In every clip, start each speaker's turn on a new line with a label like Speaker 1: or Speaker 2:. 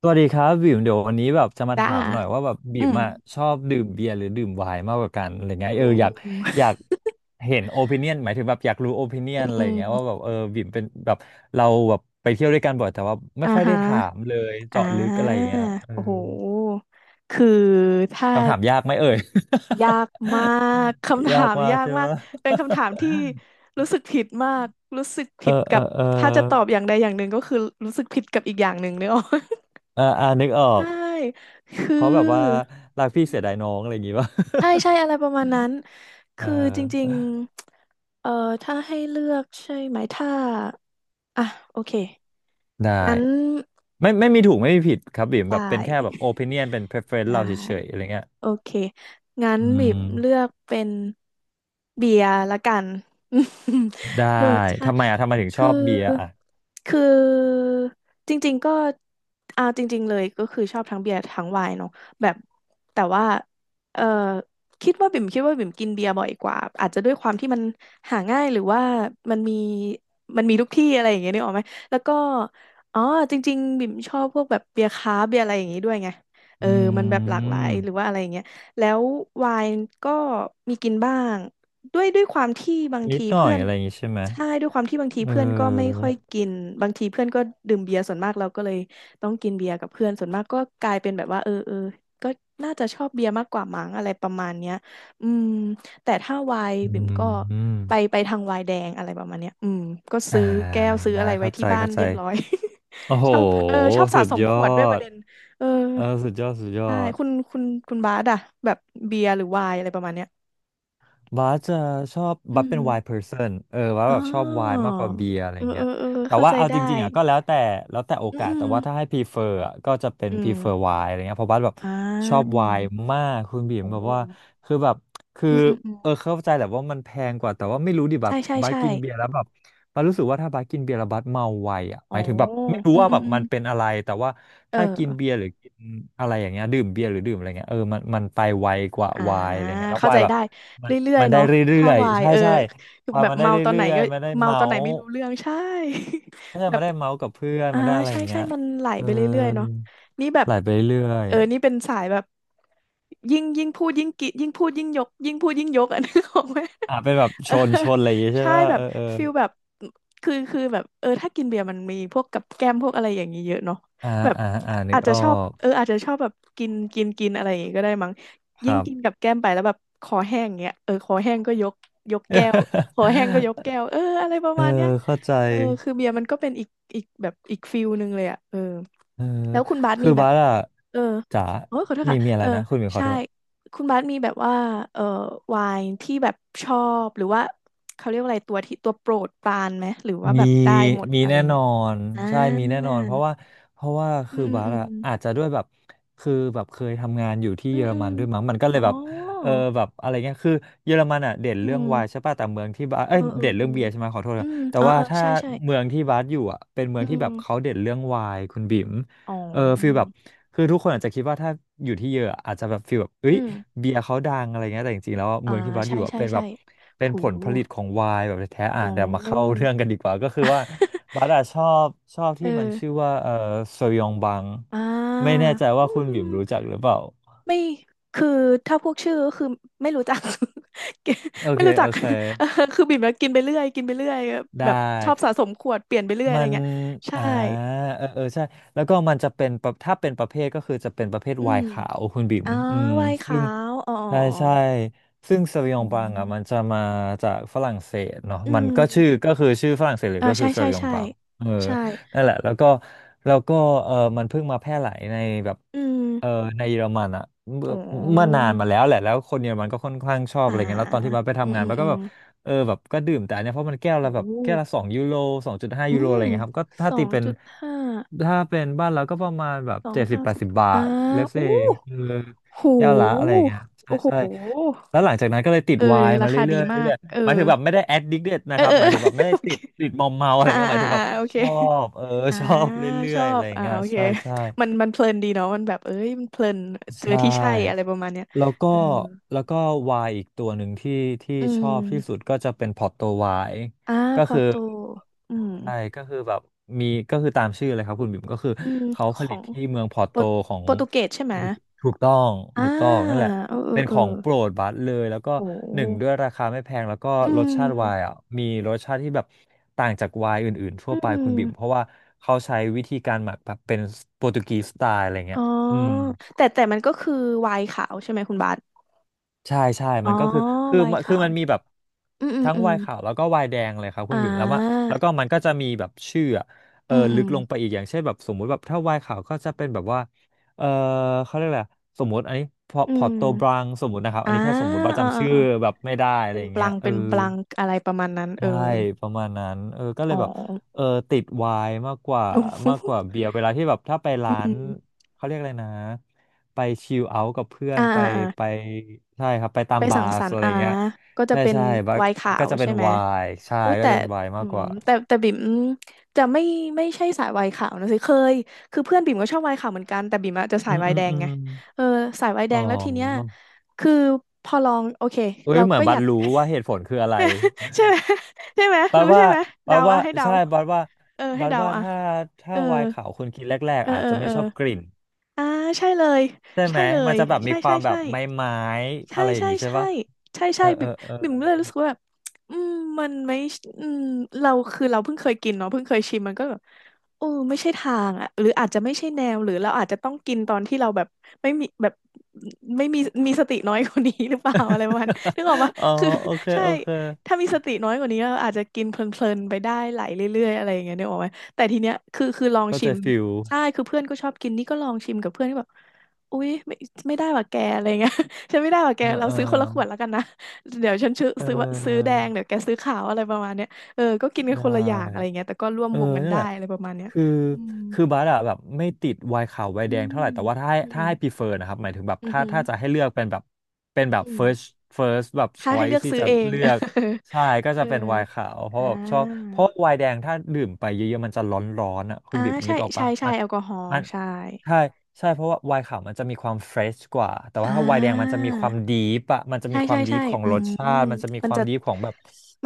Speaker 1: สวัสดีครับบิ่มเดี๋ยววันนี้แบบจะมา
Speaker 2: จ้า
Speaker 1: ถามหน่อยว่าแบบบิ่
Speaker 2: อื
Speaker 1: ม
Speaker 2: ม
Speaker 1: อะชอบดื่มเบียร์หรือดื่มไวน์มากกว่ากันอะไรเงี้ย
Speaker 2: อ้
Speaker 1: อยากเห็นโอปิเนียนหมายถึงแบบอยากรู้โอปิเนียนอะ
Speaker 2: อื
Speaker 1: ไรเงี้ยว่าแบ
Speaker 2: ม
Speaker 1: บบิ่มเป็นแบบเราแบบไปเที่ยวด้วยกันบ่อยแต่ว่าไม่
Speaker 2: อ่า
Speaker 1: ค่อยได้
Speaker 2: ฮะ
Speaker 1: ถามเลย
Speaker 2: อ่
Speaker 1: เจาะลึกอะไร
Speaker 2: า
Speaker 1: เงี้ย
Speaker 2: โอ้โหคือถ้า
Speaker 1: คำถามยากไหมเอ่ย
Speaker 2: ยากมาก คำ
Speaker 1: ยา
Speaker 2: ถา
Speaker 1: ก
Speaker 2: ม
Speaker 1: มาก
Speaker 2: ยาก
Speaker 1: ใช่ไห
Speaker 2: มา
Speaker 1: ม
Speaker 2: กเป็นคำถามที่รู้สึกผิดมาก รู้สึก
Speaker 1: เอ
Speaker 2: ผิ
Speaker 1: อ
Speaker 2: ด
Speaker 1: เอ
Speaker 2: กั
Speaker 1: อ
Speaker 2: บ
Speaker 1: เออ
Speaker 2: ถ้าจะตอบอย่างใดอย่างหนึ่งก็คือรู้สึกผิดกับอีกอย่างหนึ่งเนกอะ
Speaker 1: อ่านึกออ
Speaker 2: ใช่
Speaker 1: ก
Speaker 2: คื
Speaker 1: เพราะแบบว่า
Speaker 2: อ
Speaker 1: รักพี่เสียดายน้องอะไรอย่างงี้ป่ะ
Speaker 2: ใช่ใช่อะไรประมาณนั้น
Speaker 1: เ
Speaker 2: คือจริง
Speaker 1: ออ
Speaker 2: ๆถ้าให้เลือกใช่ไหมถ้าอ่ะโอเค
Speaker 1: ได้
Speaker 2: งั้น
Speaker 1: ไม่มีถูกไม่มีผิดครับบิ่มแบ
Speaker 2: ได้
Speaker 1: บเป็นแค่แบบ opinion เป็น preference
Speaker 2: ได้
Speaker 1: เราเฉยๆอะไรเงี้ย
Speaker 2: โอเคงั้น
Speaker 1: อื
Speaker 2: บีมเลือ
Speaker 1: ม
Speaker 2: กเป็นเบียร์ละกัน
Speaker 1: ได้
Speaker 2: คือใช่
Speaker 1: ทำไมถึงช
Speaker 2: คื
Speaker 1: อ
Speaker 2: อ
Speaker 1: บเบียร์อ่ะ
Speaker 2: คือจริงๆก็เอาจริงๆเลยก็คือชอบทั้งเบียร์ทั้งไวน์เนาะแบบแต่ว่าเออคิดว่าบิ่มคิดว่าบิ่มกินเบียร์บ่อยกว่าอาจจะด้วยความที่มันหาง่ายหรือว่ามันมีมันมีทุกที่อะไรอย่างเงี้ยนึกออกไหมแล้วก็อ๋อจริงๆบิ่มชอบพวกแบบเบียร์คราฟต์เบียร์อะไรอย่างงี้ด้วยไง เออ
Speaker 1: อื
Speaker 2: มันแบบหลากหลา
Speaker 1: ม
Speaker 2: ยหรือว่าอะไรอย่างเงี้ย แล้วไวน์ก็มีกินบ้างด้วยความที่บาง
Speaker 1: นิด
Speaker 2: ที
Speaker 1: หน่อ
Speaker 2: เพื่
Speaker 1: ย
Speaker 2: อน
Speaker 1: อะไรอย่างงี้ใช่ไหม
Speaker 2: ใช่ ด้วยความที่บางที
Speaker 1: เอ
Speaker 2: เพื่อนก็ไม่
Speaker 1: อ
Speaker 2: ค่อยกิน บางทีเพื่อนก็ดื่มเบียร์ส่วนมากเราก็เลยต้องกินเบียร์กับเพื่อนส่วนมากก็กลายเป็นแบบว่าเออเออก็น่าจะชอบเบียร์มากกว่ามั้งอะไรประมาณเนี้ยอืมแต่ถ้าไวน์
Speaker 1: อื
Speaker 2: บิ่มก็
Speaker 1: ม
Speaker 2: ไปทางไวน์แดงอะไรประมาณเนี้ยอืมก็
Speaker 1: อ่
Speaker 2: ซื้อแก้
Speaker 1: า
Speaker 2: วซื้ออะไรไว้
Speaker 1: เข้าใจ
Speaker 2: ที่บ้าน
Speaker 1: เข้าใจ
Speaker 2: เรียบร้อย
Speaker 1: โอ้โห
Speaker 2: ชอบเออชอบ
Speaker 1: สุ
Speaker 2: สะ
Speaker 1: ด
Speaker 2: สม
Speaker 1: ยอ
Speaker 2: ขวดด้วยประ
Speaker 1: ด
Speaker 2: เด็นเออ
Speaker 1: สุดยอดสุดยอ
Speaker 2: ใช่
Speaker 1: ด
Speaker 2: คุณคุณบาสอะแบบเบียร์หรือไวน์อะไรประมาณเนี้ย
Speaker 1: บาสจะชอบ
Speaker 2: อื
Speaker 1: บัสเป็น wine
Speaker 2: ม
Speaker 1: person บัส
Speaker 2: อ๋
Speaker 1: แบบชอบ wine
Speaker 2: อ
Speaker 1: มากกว่าเบียร์อะไร
Speaker 2: เออเอ
Speaker 1: เงี้ย
Speaker 2: อเออ
Speaker 1: แต่
Speaker 2: เข้า
Speaker 1: ว่า
Speaker 2: ใจ
Speaker 1: เอาจ
Speaker 2: ได้
Speaker 1: ริงๆอ่ะก็แล้วแต่แล้วแต่โอ
Speaker 2: อืม
Speaker 1: กาส
Speaker 2: อื
Speaker 1: แต่
Speaker 2: ม
Speaker 1: ว่าถ้าให้ prefer อ่ะก็จะเป็น
Speaker 2: อืม
Speaker 1: prefer wine อะไรเงี้ยเพราะบัสแบบ
Speaker 2: อ่
Speaker 1: ชอบ
Speaker 2: า
Speaker 1: wine มากคุณบีม
Speaker 2: โอ้
Speaker 1: แบบว่าคือแบบคือ
Speaker 2: อืมอืมอืม
Speaker 1: เข้าใจแหละว่ามันแพงกว่าแต่ว่าไม่รู้ดิแบบ
Speaker 2: ใช่ใช่
Speaker 1: บัส
Speaker 2: ใช่
Speaker 1: กินเบียร์แล้วแบบบัสรู้สึกว่าถ้าบัสกินเบียร์แล้วบัสเมาไวอ่ะห
Speaker 2: อ๋อ
Speaker 1: มายถึงแบบไม่รู้
Speaker 2: อืม
Speaker 1: ว่า
Speaker 2: อื
Speaker 1: แบ
Speaker 2: ม
Speaker 1: บ
Speaker 2: อืม
Speaker 1: มันเป็นอะไรแต่ว่า
Speaker 2: เออ
Speaker 1: ถ้ากินเบียร์หรือกินอะไรอย่างเงี้ยดื่มเบียร์หรือดื่มอะไรเงี้ยมันไปไวกว่า
Speaker 2: อ่า
Speaker 1: ไวน์อะไรเงี้ยแล้ว
Speaker 2: เข้า
Speaker 1: ไว
Speaker 2: ใจ
Speaker 1: น์แบบ
Speaker 2: ได้
Speaker 1: มัน
Speaker 2: เรื่อย
Speaker 1: มัน
Speaker 2: ๆ
Speaker 1: ได้
Speaker 2: เนาะ
Speaker 1: เรื่
Speaker 2: ถ้า
Speaker 1: อย
Speaker 2: ว
Speaker 1: ๆ
Speaker 2: นย
Speaker 1: ใช่
Speaker 2: เออ
Speaker 1: ใช่
Speaker 2: คื
Speaker 1: พ
Speaker 2: อ
Speaker 1: อ
Speaker 2: แบ
Speaker 1: มั
Speaker 2: บ
Speaker 1: นได้
Speaker 2: เมาตอนไห
Speaker 1: เรื่
Speaker 2: น
Speaker 1: อย
Speaker 2: ก็
Speaker 1: ๆมันได้
Speaker 2: เมา
Speaker 1: เมา
Speaker 2: ตอนไหน
Speaker 1: ส์
Speaker 2: ไม่รู้เรื่องใช่
Speaker 1: ไม่ใช่
Speaker 2: แบ
Speaker 1: มั
Speaker 2: บ
Speaker 1: นได้เมาส์กับเพื่อน
Speaker 2: อ่า
Speaker 1: มันได้อะไรอ
Speaker 2: ใช่
Speaker 1: ย่างเงี้
Speaker 2: ใช่
Speaker 1: ย
Speaker 2: มันไหล
Speaker 1: เออ
Speaker 2: ไปเรื่อยๆเนาะนี่แบบ
Speaker 1: ไหลไปเรื่อย
Speaker 2: เออนี่เป็นสายแบบยิ่งพูดยิ่งยกยิ่งพูดยิ่งยก อันนึกออกไหม
Speaker 1: ๆอ่าเป็นแบบ
Speaker 2: เอ
Speaker 1: ช
Speaker 2: อ
Speaker 1: นชนอะไรอย่างเงี้ยใช่
Speaker 2: ใช่
Speaker 1: ป่ะ
Speaker 2: แบ
Speaker 1: เอ
Speaker 2: บ
Speaker 1: อเออ
Speaker 2: ฟิลแบบคือแบบเออถ้ากินเบียร์มันมีพวกกับแก้มพวกอะไรอย่างนี้เยอะเนาะ
Speaker 1: อ่า
Speaker 2: แบบ
Speaker 1: อ่าอ่านึ
Speaker 2: อา
Speaker 1: ก
Speaker 2: จจะ
Speaker 1: ออ
Speaker 2: ชอบ
Speaker 1: ก
Speaker 2: เอออาจจะชอบแบบกินกินกินอะไรอย่างนี้ก็ได้มั้ง
Speaker 1: ค
Speaker 2: ยิ่ง
Speaker 1: รั
Speaker 2: กิน
Speaker 1: บ
Speaker 2: กับแก้มไปแล้วแบบคอแห้งเงี้ยเออคอแห้งก็ยกยกแก้วคอแห้งก็ยกแก้ วเอออะไรประ
Speaker 1: เออ
Speaker 2: มาณเนี้ย
Speaker 1: เข้าใจ
Speaker 2: เออคือเบียร์มันก็เป็นอีกแบบอีกฟิลหนึ่งเลยอ่ะเออ
Speaker 1: เออ
Speaker 2: แล้วคุณบาส
Speaker 1: คื
Speaker 2: มี
Speaker 1: อ
Speaker 2: แบบ
Speaker 1: บาร์อะ
Speaker 2: เออ
Speaker 1: จ๋า
Speaker 2: โอ้ยขอโทษค่ะ
Speaker 1: มีอะ
Speaker 2: เอ
Speaker 1: ไร
Speaker 2: อ
Speaker 1: นะคุณหมีขอ
Speaker 2: ใช่
Speaker 1: โทษ
Speaker 2: คุณบาสมีแบบว่าเออไวน์ที่แบบชอบหรือว่าเขาเรียกว่าอะไรตัวที่ตัวโปรดปรานไหมหรือว่าแบ
Speaker 1: มี
Speaker 2: บได้หมด
Speaker 1: มี
Speaker 2: อะไร
Speaker 1: แน่น
Speaker 2: เงี้
Speaker 1: อ
Speaker 2: ย
Speaker 1: น
Speaker 2: อ่า
Speaker 1: ใช่มีแน่นอนเพราะว่า
Speaker 2: อื
Speaker 1: คื
Speaker 2: ม
Speaker 1: อ
Speaker 2: อืม
Speaker 1: บา
Speaker 2: อื
Speaker 1: ร์
Speaker 2: ม
Speaker 1: อะอาจจะด้วยแบบคือแบบเคยทำงานอยู่ที่
Speaker 2: อื
Speaker 1: เยอ
Speaker 2: ม
Speaker 1: ร
Speaker 2: อื
Speaker 1: มั
Speaker 2: ม
Speaker 1: นด้วยมั้งมันก็เล
Speaker 2: อ๋อ
Speaker 1: ยแบบเออแบบอะไรเงี้ยคือเยอรมันอะเด่น
Speaker 2: อื
Speaker 1: เรื่อง
Speaker 2: ม
Speaker 1: ไวน์ใช่ป่ะแต่เมืองที่บาร์
Speaker 2: เอ
Speaker 1: เอ้
Speaker 2: อ
Speaker 1: ย
Speaker 2: เออ
Speaker 1: เด่น
Speaker 2: เอ
Speaker 1: เรื่อ
Speaker 2: อ
Speaker 1: งเบียร์ใช่ไหมขอโทษค
Speaker 2: อื
Speaker 1: รับ
Speaker 2: ม
Speaker 1: แต่
Speaker 2: อ๋อ
Speaker 1: ว่า
Speaker 2: เออ
Speaker 1: ถ้า
Speaker 2: ใช่ใช่
Speaker 1: เมืองที่บาร์อยู่อะเป็นเมือ
Speaker 2: อื
Speaker 1: งที่แบ
Speaker 2: ม
Speaker 1: บเขาเด่นเรื่องไวน์คุณบิ๋ม
Speaker 2: อ๋ออื
Speaker 1: ฟีลแบบ
Speaker 2: ม
Speaker 1: คือทุกคนอาจจะคิดว่าถ้าอยู่ที่เยอะอะอาจจะแบบฟีลแบบเอ้ย
Speaker 2: อืม
Speaker 1: เบียร์เขาดังอะไรเงี้ยแต่จริงๆแล้วอะ
Speaker 2: อ่า
Speaker 1: เมืองที่บัสอ
Speaker 2: ใช่
Speaker 1: ยู่อะ
Speaker 2: ใช่
Speaker 1: เป็นแบ
Speaker 2: ใช่
Speaker 1: บเป็น
Speaker 2: หู
Speaker 1: ผลผลิตของไวน์แบบแท้ๆอ่ะ
Speaker 2: อ๋อ
Speaker 1: เดี๋ยวมาเข้าเรื่องกันดีกว่าก็คือว่าบั สอะชอบ
Speaker 2: เอ
Speaker 1: ที่มันชื่อ
Speaker 2: อ
Speaker 1: ว่าโซยองบัง
Speaker 2: อ่
Speaker 1: ไม่
Speaker 2: า
Speaker 1: แน่ใจว่า
Speaker 2: อื
Speaker 1: คุณบิ่
Speaker 2: ม
Speaker 1: มรู้จักหรือเปล่า
Speaker 2: ไม่คือถ้าพวกชื่อก็คือไม่รู้จัก
Speaker 1: โอ
Speaker 2: ไม่
Speaker 1: เค
Speaker 2: รู้จั
Speaker 1: โอ
Speaker 2: ก
Speaker 1: เค
Speaker 2: เออคือบิ่มแบบกินไปเรื่อยกินไปเรื่อย
Speaker 1: ได้
Speaker 2: แบบชอบสะสมขวดเปลี่ยนไปเรื่อยอะ
Speaker 1: มั
Speaker 2: ไร
Speaker 1: น
Speaker 2: เงี้ยใช่
Speaker 1: อ่าเออใช่แล้วก็มันจะเป็นประถ้าเป็นประเภทก็คือจะเป็นประเภท
Speaker 2: อื
Speaker 1: ไวน์
Speaker 2: ม
Speaker 1: ขาวคุณบิ๋ม
Speaker 2: อ๋อ
Speaker 1: อืม
Speaker 2: ไวน์
Speaker 1: ซึ่
Speaker 2: ขา
Speaker 1: ง
Speaker 2: วอ๋ออ๋อ
Speaker 1: ใช่
Speaker 2: อ๋อ
Speaker 1: ใช่ซึ่งซาวิอ
Speaker 2: อื
Speaker 1: งบลังอ่ะมัน
Speaker 2: ม
Speaker 1: จะมาจากฝรั่งเศสเนาะมันก็ชื่อ
Speaker 2: อ
Speaker 1: ก็คือชื่อฝรั่งเศสเล
Speaker 2: ม
Speaker 1: ยก็คื
Speaker 2: ใช่
Speaker 1: อซา
Speaker 2: ใช่
Speaker 1: วิอง
Speaker 2: ใช่
Speaker 1: บางเออ
Speaker 2: ใช่
Speaker 1: นั่นแหละแล้วก็มันเพิ่งมาแพร่หลายในแบบ
Speaker 2: อืม
Speaker 1: เออในเยอรมันอ่ะเมื่
Speaker 2: อ๋
Speaker 1: อ
Speaker 2: อ
Speaker 1: เมื่อนานมาแล้วแหละแล้วคนเยอรมันก็ค่อนข้างชอบอะ
Speaker 2: อ่า
Speaker 1: ไรเงี้ยแล้วตอนที่บัสไป
Speaker 2: อืม
Speaker 1: ทำงาน
Speaker 2: อืม
Speaker 1: บัส
Speaker 2: อื
Speaker 1: ก็
Speaker 2: ม
Speaker 1: แบบ แบบก็ดื่มแต่อันเนี้ยเพราะมันแก้ว
Speaker 2: โอ
Speaker 1: ละแบบแก้
Speaker 2: ้
Speaker 1: วละ2 ยูโรสองจุดห้า
Speaker 2: อื
Speaker 1: ยูโรอะ
Speaker 2: ม
Speaker 1: ไรเงี้ยครับก็
Speaker 2: ส
Speaker 1: ถ้า
Speaker 2: อ
Speaker 1: ตี
Speaker 2: ง
Speaker 1: เป็น
Speaker 2: จุดห้า
Speaker 1: ถ้าเป็นบ้านเราก็ประมาณแบบ
Speaker 2: สอง
Speaker 1: 70
Speaker 2: ห้า
Speaker 1: แปด
Speaker 2: สิบ
Speaker 1: สิบบา
Speaker 2: อ่า
Speaker 1: ทเลฟเซ
Speaker 2: อู้
Speaker 1: เออ
Speaker 2: ห
Speaker 1: แก้วละอะไร
Speaker 2: ู
Speaker 1: เงี้ยใช่
Speaker 2: โอ้โห
Speaker 1: ใช่แล้วหลังจากนั้นก็เลยติด
Speaker 2: เออ
Speaker 1: ไวน์
Speaker 2: รา
Speaker 1: มา
Speaker 2: คาดี
Speaker 1: เรื่อย
Speaker 2: มา
Speaker 1: ๆเรื่
Speaker 2: ก
Speaker 1: อย
Speaker 2: เออ
Speaker 1: ๆหมายถึงแบบไม่ได้แอดดิกเดนะ
Speaker 2: เออ
Speaker 1: ครับ
Speaker 2: เออ
Speaker 1: ห มาย
Speaker 2: เอ
Speaker 1: ถึงแบบไม่
Speaker 2: อ
Speaker 1: ได้
Speaker 2: โอเค
Speaker 1: ติดมอมเมาอะไร
Speaker 2: อ่า
Speaker 1: เงี้ยหมา
Speaker 2: อ่า
Speaker 1: ยถึง
Speaker 2: อ่า
Speaker 1: แบ
Speaker 2: อ่า
Speaker 1: บ
Speaker 2: โอเค
Speaker 1: ชอบ
Speaker 2: อ่า
Speaker 1: ชอบเรื่
Speaker 2: ช
Speaker 1: อ
Speaker 2: อ
Speaker 1: ยๆอะ
Speaker 2: บ
Speaker 1: ไรเงี้ย
Speaker 2: โอเค
Speaker 1: ใช่ใช่
Speaker 2: มันมันเพลินดีเนาะมันแบบเอ้ยมันเพลินเจอ
Speaker 1: ใช่
Speaker 2: ที่ใช่อะไรประมาณเนี้ย
Speaker 1: แล้วก็
Speaker 2: เออ
Speaker 1: แล้วก็ไวน์อีกตัวหนึ่งที่ที่
Speaker 2: อื
Speaker 1: ชอบที่สุด
Speaker 2: ม
Speaker 1: ก็จะเป็นพอร์โตไวน์
Speaker 2: อ่า
Speaker 1: ก็
Speaker 2: พอ
Speaker 1: คือ
Speaker 2: โตอืม
Speaker 1: ใช่ก็คือแบบก็คือตามชื่อเลยครับคุณบิ่มก็คือ
Speaker 2: อืม
Speaker 1: เขา
Speaker 2: ข
Speaker 1: ผ
Speaker 2: อ
Speaker 1: ลิต
Speaker 2: ง
Speaker 1: ที่เมืองพอร์
Speaker 2: โป
Speaker 1: โต
Speaker 2: ร
Speaker 1: ของ
Speaker 2: โปรตุเกสใช่ไห
Speaker 1: โป
Speaker 2: ม
Speaker 1: รตุเกสถูกต้อง
Speaker 2: อ่า
Speaker 1: ถูกต้องนั่นแหละ
Speaker 2: เออเออ
Speaker 1: เป็น
Speaker 2: เอ
Speaker 1: ข
Speaker 2: อ
Speaker 1: องโปรดบัสเลยแล้วก็
Speaker 2: โ
Speaker 1: หนึ่งด้
Speaker 2: ห
Speaker 1: วยราคาไม่แพงแล้วก็
Speaker 2: อื
Speaker 1: รสชาติไวน์อ่ะ
Speaker 2: ม
Speaker 1: มีรสชาติที่แบบต่างจากไวน์อื่นๆทั่
Speaker 2: อื
Speaker 1: วไปคุณ
Speaker 2: ม
Speaker 1: บิ่มเพราะว่าเขาใช้วิธีการหมักแบบเป็นโปรตุเกีสไตล์อะไร
Speaker 2: อ๋
Speaker 1: เงี้
Speaker 2: อ
Speaker 1: ยอืม
Speaker 2: แต่แต่มันก็คือไวน์ขาวใช่ไหมคุณบาส
Speaker 1: ใช่ใช่
Speaker 2: อ๋
Speaker 1: มั
Speaker 2: อ
Speaker 1: นก็คือ
Speaker 2: ไวน์
Speaker 1: มันคื
Speaker 2: ขา
Speaker 1: อ
Speaker 2: ว
Speaker 1: มันมีแบบ
Speaker 2: อืมอืม
Speaker 1: ทั้ง
Speaker 2: อืม
Speaker 1: วายขาวแล้วก็วายแดงเลยครับคุ
Speaker 2: อ่
Speaker 1: ณบิ่มแล้วว่า
Speaker 2: า
Speaker 1: แล้วก็มันก็จะมีแบบชื่ออะ
Speaker 2: อืมอื
Speaker 1: ลึก
Speaker 2: ม
Speaker 1: ลงไปอีกอย่างเช่นแบบสมมุติแบบถ้าวายขาวก็จะเป็นแบบว่าเออเขาเรียกอะไรอะสมมุติอันนี้พอ
Speaker 2: อื
Speaker 1: พอร์
Speaker 2: ม
Speaker 1: โตบรังสมมุตินะครับอั
Speaker 2: อ่า
Speaker 1: นนี้แค่สมมุติว่า
Speaker 2: อ่า
Speaker 1: จำ
Speaker 2: อ่า
Speaker 1: ชื่อ
Speaker 2: อ่า
Speaker 1: แบบไม่ได้อะ
Speaker 2: เป็
Speaker 1: ไร
Speaker 2: น
Speaker 1: อย่าง
Speaker 2: บ
Speaker 1: เงี้
Speaker 2: ลั
Speaker 1: ย
Speaker 2: ง
Speaker 1: เออ
Speaker 2: เป็นบลังอะไรประมาณนั้นเออ
Speaker 1: ใช่ประมาณนั้นเออก็เล
Speaker 2: อ๋
Speaker 1: ย
Speaker 2: อ
Speaker 1: แบบเออติดไวน์มากกว่า
Speaker 2: รู้
Speaker 1: มากกว่าเบียร์เวลาที่แบบถ้าไป
Speaker 2: อื
Speaker 1: ร้าน
Speaker 2: ม
Speaker 1: เขาเรียกอะไรนะไปชิลเอาท์กับเพื่อน
Speaker 2: อ่า
Speaker 1: ไป
Speaker 2: อ่าอ่า
Speaker 1: ไปใช่ครับไปตาม
Speaker 2: ไปสั
Speaker 1: บา
Speaker 2: ง
Speaker 1: ร์
Speaker 2: สร
Speaker 1: ส
Speaker 2: รค์
Speaker 1: อะไร
Speaker 2: อ่า
Speaker 1: เงี้ย
Speaker 2: ก็จะ
Speaker 1: ใช่
Speaker 2: เป็น
Speaker 1: ใช่บาร์
Speaker 2: ไวน์ขา
Speaker 1: ก็
Speaker 2: ว
Speaker 1: จะเป็
Speaker 2: ใช่
Speaker 1: น
Speaker 2: ไหม
Speaker 1: ไวน์ใช่
Speaker 2: อุ้ย
Speaker 1: ก็
Speaker 2: แต่
Speaker 1: จะเป็นไวน์
Speaker 2: อื
Speaker 1: มากก
Speaker 2: ม
Speaker 1: ว่า
Speaker 2: แต่แต่บิ่มจะไม่ไม่ใช่สายไวน์ขาวนะสิเคยคือเพื่อนบิ่มก็ชอบไวน์ขาวเหมือนกันแต่บิ่มอะจะ
Speaker 1: อื
Speaker 2: สาย
Speaker 1: ม
Speaker 2: ไว
Speaker 1: อื
Speaker 2: น์
Speaker 1: ม
Speaker 2: แด
Speaker 1: อื
Speaker 2: งไง
Speaker 1: ม
Speaker 2: เออสายไวน์แด
Speaker 1: อ๋อ
Speaker 2: งแล้วทีเนี้ยคือพอลองโอเค
Speaker 1: เอ้ย
Speaker 2: เรา
Speaker 1: เหมือน
Speaker 2: ก็อ
Speaker 1: บัด
Speaker 2: ยาก
Speaker 1: รู้ว่าเหตุผลคืออะไร
Speaker 2: ใช่ไหมใช่ไหม
Speaker 1: บัด
Speaker 2: รู้
Speaker 1: ว่า
Speaker 2: ใช่ไหม
Speaker 1: บั
Speaker 2: เดา
Speaker 1: ดว่า
Speaker 2: อ่ะให้เดา
Speaker 1: ใช่บัดว่า
Speaker 2: เออ
Speaker 1: บั
Speaker 2: ให้
Speaker 1: ด
Speaker 2: เดา
Speaker 1: ว่า
Speaker 2: อ่ะ
Speaker 1: ถ้า
Speaker 2: เออ
Speaker 1: ไวน์ขาวคนกินแรก
Speaker 2: เออ
Speaker 1: ๆอาจ
Speaker 2: เออ
Speaker 1: จะไม่
Speaker 2: เออ
Speaker 1: ชอบกลิ่น
Speaker 2: อ่าใช่เลย
Speaker 1: ใช่ไห
Speaker 2: ใช่
Speaker 1: ม
Speaker 2: เล
Speaker 1: มัน
Speaker 2: ย
Speaker 1: จะแบบมี
Speaker 2: ใช่
Speaker 1: ควา
Speaker 2: ใช่
Speaker 1: มแบบ
Speaker 2: ใช่
Speaker 1: ไม้ไม้
Speaker 2: ใช่
Speaker 1: อะไรอย่าง
Speaker 2: ใช่
Speaker 1: งี้ใช่
Speaker 2: ใช่
Speaker 1: ปะ
Speaker 2: ใช่
Speaker 1: เอ
Speaker 2: ใช่
Speaker 1: อเอ
Speaker 2: บิ่
Speaker 1: อ
Speaker 2: ม
Speaker 1: เออ
Speaker 2: ก็เลยรู้สึกว่าแบบอืมมันไม่อืมเราคือเราเพิ่งเคยกินเนาะเพิ่งเคยชิมมันก็แบบโอ้ไม่ใช่ทางอ่ะหรืออาจจะไม่ใช่แนวหรือเราอาจจะต้องกินตอนที่เราแบบไม่มีแบบไม่มีมีสติน้อยกว่านี้หรือเปล่าอะไรประมาณนี้นึกออกปะ
Speaker 1: อ๋อ
Speaker 2: คือ
Speaker 1: โอเค
Speaker 2: ใช่
Speaker 1: โอเค
Speaker 2: ถ้ามีสติน้อยกว่านี้เราอาจจะกินเพลินๆไปได้ไหลเรื่อยๆอะไรอย่างเงี้ยนึกออกไหมแต่ทีเนี้ยคือลอง
Speaker 1: เข้าใจ
Speaker 2: ชิม
Speaker 1: ฟิล
Speaker 2: ใช่คือเพื่อนก็ชอบกินนี่ก็ลองชิมกับเพื่อนที่แบบอุ๊ยไม่ไม่ได้ว่ะแกอะไรเงี้ย ฉันไม่ได้ว่ะแก
Speaker 1: เออ
Speaker 2: เรา
Speaker 1: เออ
Speaker 2: ซื้อคนละขวดแล้วกันนะเดี๋ยวฉันซื้อ
Speaker 1: เ
Speaker 2: ซื้อว่าซื้อแด
Speaker 1: ออ
Speaker 2: งเดี๋ยวแกซื้อขาวอะไรประมาณเนี้ยเออก็กินกัน
Speaker 1: ได
Speaker 2: คนละอย่างอะไร
Speaker 1: ้
Speaker 2: เงี้ยแต่ก็ร่วม
Speaker 1: เออ
Speaker 2: วงกัน
Speaker 1: นั่น
Speaker 2: ได้
Speaker 1: แหละ
Speaker 2: อะไรประมาณเนี้ย
Speaker 1: คือ
Speaker 2: อืม
Speaker 1: คือบาร์อะแบบไม่ติดไวน์ขาวไวน์
Speaker 2: อื
Speaker 1: แดงเท่าไหร่
Speaker 2: ม
Speaker 1: แต่ว่าถ้าให้
Speaker 2: อื
Speaker 1: ถ้า
Speaker 2: ม
Speaker 1: ให้พรเฟอนะครับหมายถึงแบบ
Speaker 2: อืม
Speaker 1: ถ้า
Speaker 2: อือ
Speaker 1: จะให้เลือกเป็นแบบเป็นแบบ
Speaker 2: อืม
Speaker 1: first แบบ
Speaker 2: ถ้าให้เลื
Speaker 1: choice
Speaker 2: อก
Speaker 1: ที่
Speaker 2: ซื้อ
Speaker 1: จะ
Speaker 2: เอง
Speaker 1: เลือกใช่ก็
Speaker 2: เอ
Speaker 1: จะ
Speaker 2: อ
Speaker 1: เป็นไวน์ขาวเพ
Speaker 2: อ่
Speaker 1: ราะแบบชอบเพ
Speaker 2: า
Speaker 1: ราะวไวน์แดงถ้าดื่มไปเยอะๆมันจะร้อนๆอ่ะคุณ
Speaker 2: อ่า
Speaker 1: บิ๊มนึ
Speaker 2: ใช่
Speaker 1: กออก
Speaker 2: ใช่
Speaker 1: ปะ
Speaker 2: ใช่
Speaker 1: มัน
Speaker 2: แอลกอฮอล์
Speaker 1: มัน
Speaker 2: ใช่
Speaker 1: ใช่ใช่เพราะว่าไวน์ขาวมันจะมีความเฟรชกว่าแต่ว่า
Speaker 2: อ่า
Speaker 1: ถ้าไวน์แดงมันจะมีความดีปอะมันจะ
Speaker 2: ใช่
Speaker 1: มีควา
Speaker 2: ใช่
Speaker 1: มดี
Speaker 2: ใช่
Speaker 1: ฟของ
Speaker 2: อื
Speaker 1: รส
Speaker 2: ม
Speaker 1: ชาติมันจะมี
Speaker 2: มั
Speaker 1: ค
Speaker 2: น
Speaker 1: วาม
Speaker 2: จะ
Speaker 1: ดีฟของแบบ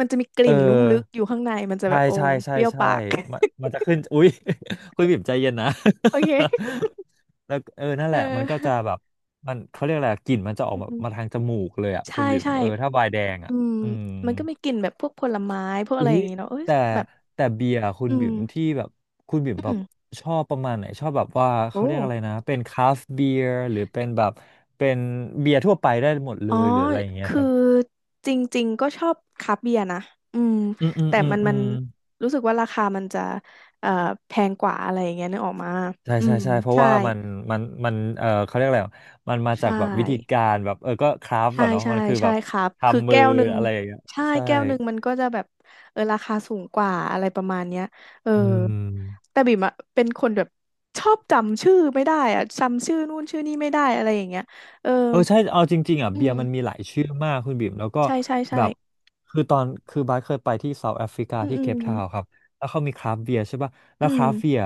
Speaker 2: มันจะมีก
Speaker 1: เออ
Speaker 2: ลิ่นนุ่มลึกอยู่ข้างในมันจะ
Speaker 1: ใช่
Speaker 2: แบบโอ้
Speaker 1: ใช่ใช่
Speaker 2: เปรี้ยว
Speaker 1: ใช่
Speaker 2: ปาก
Speaker 1: มันจะขึ้น อุ๊ย คุณบ่มใจเย็นนะ
Speaker 2: โอเค
Speaker 1: แล้วเออนั่น
Speaker 2: เอ
Speaker 1: แหละมั
Speaker 2: อ
Speaker 1: นก็จะแบบมันเขาเรียกอะไรกลิ่นมันจะออก
Speaker 2: อืม
Speaker 1: มา
Speaker 2: อืม
Speaker 1: มาทางจมูกเลยอะคุ
Speaker 2: ใช่
Speaker 1: ณบ่ม
Speaker 2: ใช่
Speaker 1: เออถ้าไวน์แดง
Speaker 2: อื
Speaker 1: อะ
Speaker 2: ม
Speaker 1: อืม
Speaker 2: มันก็มีกลิ่นแบบพวกผลไม้พวกอะ
Speaker 1: อุ๊
Speaker 2: ไรอ
Speaker 1: ย
Speaker 2: ย่างงี้เนาะเอ้ย
Speaker 1: แต่
Speaker 2: แบบ
Speaker 1: แต่เบียร์คุณ
Speaker 2: อื
Speaker 1: บิ่
Speaker 2: ม
Speaker 1: มที่แบบคุณบิ่มแบ
Speaker 2: อื
Speaker 1: บ
Speaker 2: ม
Speaker 1: ชอบประมาณไหนชอบแบบว่า
Speaker 2: โอ้
Speaker 1: เขาเรียกอะไรนะเป็นคราฟต์เบียร์หรือเป็นแบบเป็นเบียร์ทั่วไปได้หมดเล
Speaker 2: อ๋อ
Speaker 1: ยหรืออะไรอย่างเงี้ย
Speaker 2: คื
Speaker 1: ค
Speaker 2: อ
Speaker 1: รับ
Speaker 2: จริงๆก็ชอบคราฟต์เบียร์นะอืม
Speaker 1: อืมอืม
Speaker 2: แต่
Speaker 1: อืม
Speaker 2: มัน
Speaker 1: อื
Speaker 2: มัน
Speaker 1: ม
Speaker 2: รู้สึกว่าราคามันจะเอ่อแพงกว่าอะไรอย่างเงี้ยนึกออกมา
Speaker 1: ใช่
Speaker 2: อื
Speaker 1: ใช่
Speaker 2: ม
Speaker 1: ใช่เพราะ
Speaker 2: ใช่
Speaker 1: ว่ามันมันเขาเรียกอะไรอะมันมาจาก
Speaker 2: ใช่
Speaker 1: แบบวิธีการแบบเออก็คราฟต์
Speaker 2: ใช่
Speaker 1: อะเนาะ
Speaker 2: ใช่
Speaker 1: มันคือแบ
Speaker 2: ใช่
Speaker 1: บ
Speaker 2: ครับ คือ
Speaker 1: ทำมือ
Speaker 2: แก้วหนึ่ง
Speaker 1: อะไรอย่างเงี้ย
Speaker 2: ใช่
Speaker 1: ใช่
Speaker 2: แก้วหนึ่งมันก็จะแบบเออราคาสูงกว่าอะไรประมาณเนี้ยเออ
Speaker 1: อืม
Speaker 2: แต่บิ่มอะเป็นคนแบบชอบจำชื่อไม่ได้อะจำชื่อนู่นชื่อนี่ไม่ได้อะไรอย่างเงี้ยเออ
Speaker 1: เออใช่เอาจริงๆอ่ะ
Speaker 2: อื
Speaker 1: เบียร์
Speaker 2: ม
Speaker 1: มันมีหลายชื่อมากคุณบิ่มแล้วก็
Speaker 2: ใช่ใช่ใช่
Speaker 1: แบบคือตอนคือบาสเคยไปที่เซาท์แอฟริกา
Speaker 2: อืม
Speaker 1: ที่
Speaker 2: อื
Speaker 1: เค
Speaker 2: ม
Speaker 1: ปทาวน์ครับแล้วเขามีคราฟต์เบียร์ใช่ป่ะแล้
Speaker 2: อื
Speaker 1: วค
Speaker 2: ม
Speaker 1: ราฟต์เบียร์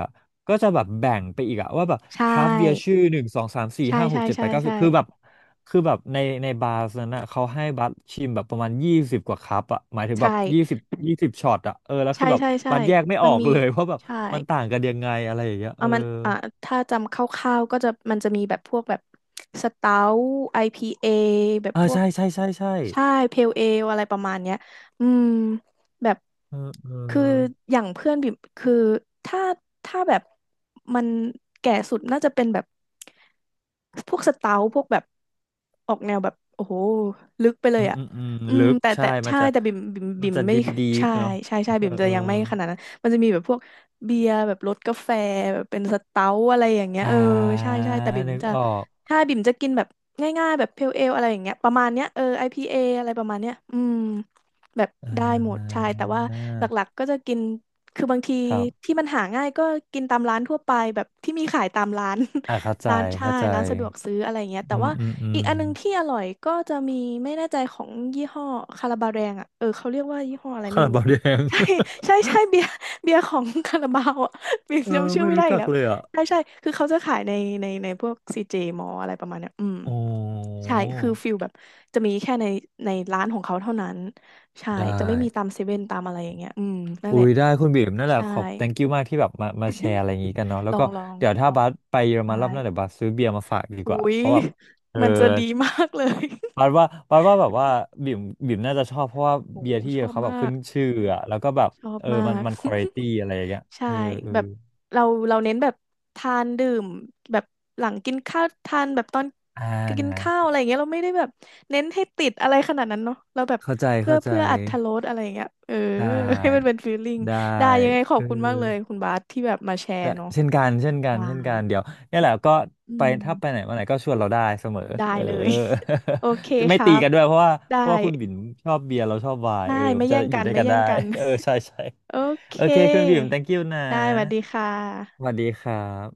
Speaker 1: ก็จะแบบแบ่งไปอีกอะว่าแบบ
Speaker 2: ใช
Speaker 1: คราฟต์เบียร์
Speaker 2: ่
Speaker 1: ชื่อหนึ่งสองสามสี่
Speaker 2: ใช่
Speaker 1: ห้าหก
Speaker 2: ใช่
Speaker 1: เจ็ดแป
Speaker 2: ใช่
Speaker 1: ดเก้าสิ
Speaker 2: ใช่
Speaker 1: บคือแบบคือแบบในในบาร์นั้นนะเขาให้บัสชิมแบบประมาณยี่สิบกว่าคัพอะหมายถึงแบ
Speaker 2: ใช่
Speaker 1: บยี่สิบช็อตอะเออแล้วคือ
Speaker 2: ใช่
Speaker 1: แบบ
Speaker 2: ใช่ใช่ใช่
Speaker 1: บัสแยกไม่อ
Speaker 2: มั
Speaker 1: อ
Speaker 2: น
Speaker 1: ก
Speaker 2: มี
Speaker 1: เลยว่าแบบ
Speaker 2: ใช่
Speaker 1: มันต่างกันยังไงอะไรอย่างเงี้ยเอ
Speaker 2: เอา
Speaker 1: อ
Speaker 2: มันอ่าถ้าจำคร่าวๆก็จะมันจะมีแบบพวกแบบสเตาท์ IPA แบบ
Speaker 1: เอ
Speaker 2: พ
Speaker 1: อ
Speaker 2: วก
Speaker 1: ใช่ใช่ใช่ใช่
Speaker 2: ใช่เพลเอลอะไรประมาณเนี้ยอืมแบบ
Speaker 1: เออเออ
Speaker 2: คืออย่างเพื่อนบิ่มคือถ้าถ้าแบบมันแก่สุดน่าจะเป็นแบบพวกสเตาท์พวกแบบออกแนวแบบโอ้โหลึกไปเล
Speaker 1: อื
Speaker 2: ย
Speaker 1: ม
Speaker 2: อ่ะ
Speaker 1: อืมอืม
Speaker 2: อื
Speaker 1: ลึ
Speaker 2: ม
Speaker 1: ก
Speaker 2: แต่
Speaker 1: ใช่
Speaker 2: แต่
Speaker 1: มัน
Speaker 2: ใช่
Speaker 1: จะ
Speaker 2: แต่บิ่มบิ่ม
Speaker 1: มัน
Speaker 2: บิ่ม
Speaker 1: จะ
Speaker 2: ไม่
Speaker 1: ดิบดิบ
Speaker 2: ใช่
Speaker 1: เนาะ
Speaker 2: ใช่ใช่
Speaker 1: เออ
Speaker 2: บิ่มจะ
Speaker 1: เออ
Speaker 2: ยังไม่ขนาดนั้นมันจะมีแบบพวก เบียร์แบบรสกาแฟแบบเป็นสเต๊าอะไรอย่างเงี้ย
Speaker 1: อ่
Speaker 2: เออ
Speaker 1: า
Speaker 2: ใช่ใช่แต่บิ่ม
Speaker 1: นึก
Speaker 2: จะ
Speaker 1: ออก
Speaker 2: ถ้าบิ่มจะกินแบบง่ายๆแบบเพลเอลอะไรอย่างเงี้ยประมาณเนี้ยเออ IPA อพีเออะไรประมาณเนี้ยอืมแบบ
Speaker 1: อ่
Speaker 2: ได้หมด
Speaker 1: า
Speaker 2: ใช่แต่ว่าหลักๆก็จะกินคือบางที
Speaker 1: ครับ
Speaker 2: ที่มันหาง่ายก็กินตามร้านทั่วไปแบบที่มีขายตามร้าน
Speaker 1: อ่าเข้าใจ
Speaker 2: ร้านใช่
Speaker 1: เข้าใจ
Speaker 2: ร้านสะดวกซื้ออะไรอย่างเงี้ยแต่
Speaker 1: อืม
Speaker 2: ว่า
Speaker 1: อืมอื
Speaker 2: อี
Speaker 1: ม
Speaker 2: กอันนึงที่อร่อยก็จะมีไม่แน่ใจของยี่ห้อคาราบาแรงอ่ะเออเขาเรียกว่ายี่ห้ออะไร
Speaker 1: คา
Speaker 2: ไม่
Speaker 1: รา
Speaker 2: รู้
Speaker 1: บาวแดง
Speaker 2: ใช่ใช่ใช่เบียร์ เบียร์ของคาราบาวอ่ะ เบีย ร์
Speaker 1: เออ
Speaker 2: จำชื่อ
Speaker 1: ไม่
Speaker 2: ไม่ได้
Speaker 1: รู้
Speaker 2: อี
Speaker 1: จั
Speaker 2: ก
Speaker 1: ก
Speaker 2: แล้ว
Speaker 1: เลยอ่ะ
Speaker 2: ใช่ใช่คือเขาจะขายในในพวกซีเจมออะไรประมาณเนี้ยอืม
Speaker 1: โอ้
Speaker 2: ใช่คือฟิลแบบจะมีแค่ในในร้านของเขาเท่านั้นใช่จะ
Speaker 1: ได้
Speaker 2: ไม่มีตามเซเว่นตามอะไรอย่างเงี้ยอืมนั่น
Speaker 1: อุ้
Speaker 2: แหละ
Speaker 1: ยได้คุณบีมนั่นแหละ
Speaker 2: ใช่
Speaker 1: ขอบ thank you มากที่แบบมามาแชร์อะไรอย่างงี้กันเนาะแล้ว
Speaker 2: ลอ
Speaker 1: ก็
Speaker 2: งลอง
Speaker 1: เดี๋ยวถ้า
Speaker 2: ลอง
Speaker 1: บัสไปเยอรมั
Speaker 2: ใช่
Speaker 1: นรอบหน้าเดี๋ยวบัสซื้อเบียร์มาฝากดีก
Speaker 2: อุ้
Speaker 1: ว่าเพ
Speaker 2: ย
Speaker 1: ราะแบบเออ
Speaker 2: มันจะดีมากเลย
Speaker 1: ปาดว่าแบบว่าบิ่มบิ่มน่าจะชอบเพราะว่า
Speaker 2: โอ้
Speaker 1: เบียร์ที่
Speaker 2: ชอบ
Speaker 1: เขาแบ
Speaker 2: มา
Speaker 1: บขึ้น
Speaker 2: ก
Speaker 1: ชื่ออะแล้วก็แบบ
Speaker 2: ชอบ
Speaker 1: เออ
Speaker 2: มาก
Speaker 1: มันควอลิตี้ อะไรอย่างเงี้ย
Speaker 2: ใช่
Speaker 1: เออเออ
Speaker 2: แบบเราเราเน้นแบบทานดื่มแบบหลังกินข้าวทานแบบตอน
Speaker 1: อ่
Speaker 2: กิน
Speaker 1: า
Speaker 2: ข้าวอะไรอย่างเงี้ยเราไม่ได้แบบเน้นให้ติดอะไรขนาดนั้นเนาะเราแบบ
Speaker 1: เข้าใจ
Speaker 2: เพื่อ
Speaker 1: เข้าใจ
Speaker 2: เพื่ออรรถรสอะไรอย่างเงี้ยเออ
Speaker 1: ได
Speaker 2: ให้มัน
Speaker 1: ้
Speaker 2: เป็นฟีลลิ่ง
Speaker 1: ได้
Speaker 2: ได้ยังไงขอ
Speaker 1: เอ
Speaker 2: บ
Speaker 1: อ
Speaker 2: คุณมากเลยคุณบาสที่แบบมาแช
Speaker 1: ได้
Speaker 2: ร์เนาะ
Speaker 1: เช่นกันเช่นกัน
Speaker 2: ได้
Speaker 1: เช่นกันเดี๋ยวเนี่ยแหละก็
Speaker 2: อื
Speaker 1: ไปถ้าไปไหน
Speaker 2: ม
Speaker 1: มาไหนก็ชวนเราได้เสมอ
Speaker 2: ได้
Speaker 1: เออ
Speaker 2: เลย โอเค
Speaker 1: จะไม่
Speaker 2: ครั
Speaker 1: ตี
Speaker 2: บ
Speaker 1: กันด้วยเพราะว่า
Speaker 2: ได้
Speaker 1: คุณบิ่มชอบเบียร์เราชอบไวน์เออ
Speaker 2: ได้ไม่
Speaker 1: จะ
Speaker 2: แย่ง
Speaker 1: อยู่
Speaker 2: กัน
Speaker 1: ด้วย
Speaker 2: ไม่
Speaker 1: กัน
Speaker 2: แย่
Speaker 1: ได้
Speaker 2: งกัน
Speaker 1: เออใช่ใช่
Speaker 2: โอเค
Speaker 1: โอเคคุณบิ่ม thank you นะ
Speaker 2: ได้สวัสดีค่
Speaker 1: สวั
Speaker 2: ะ
Speaker 1: สดีครับ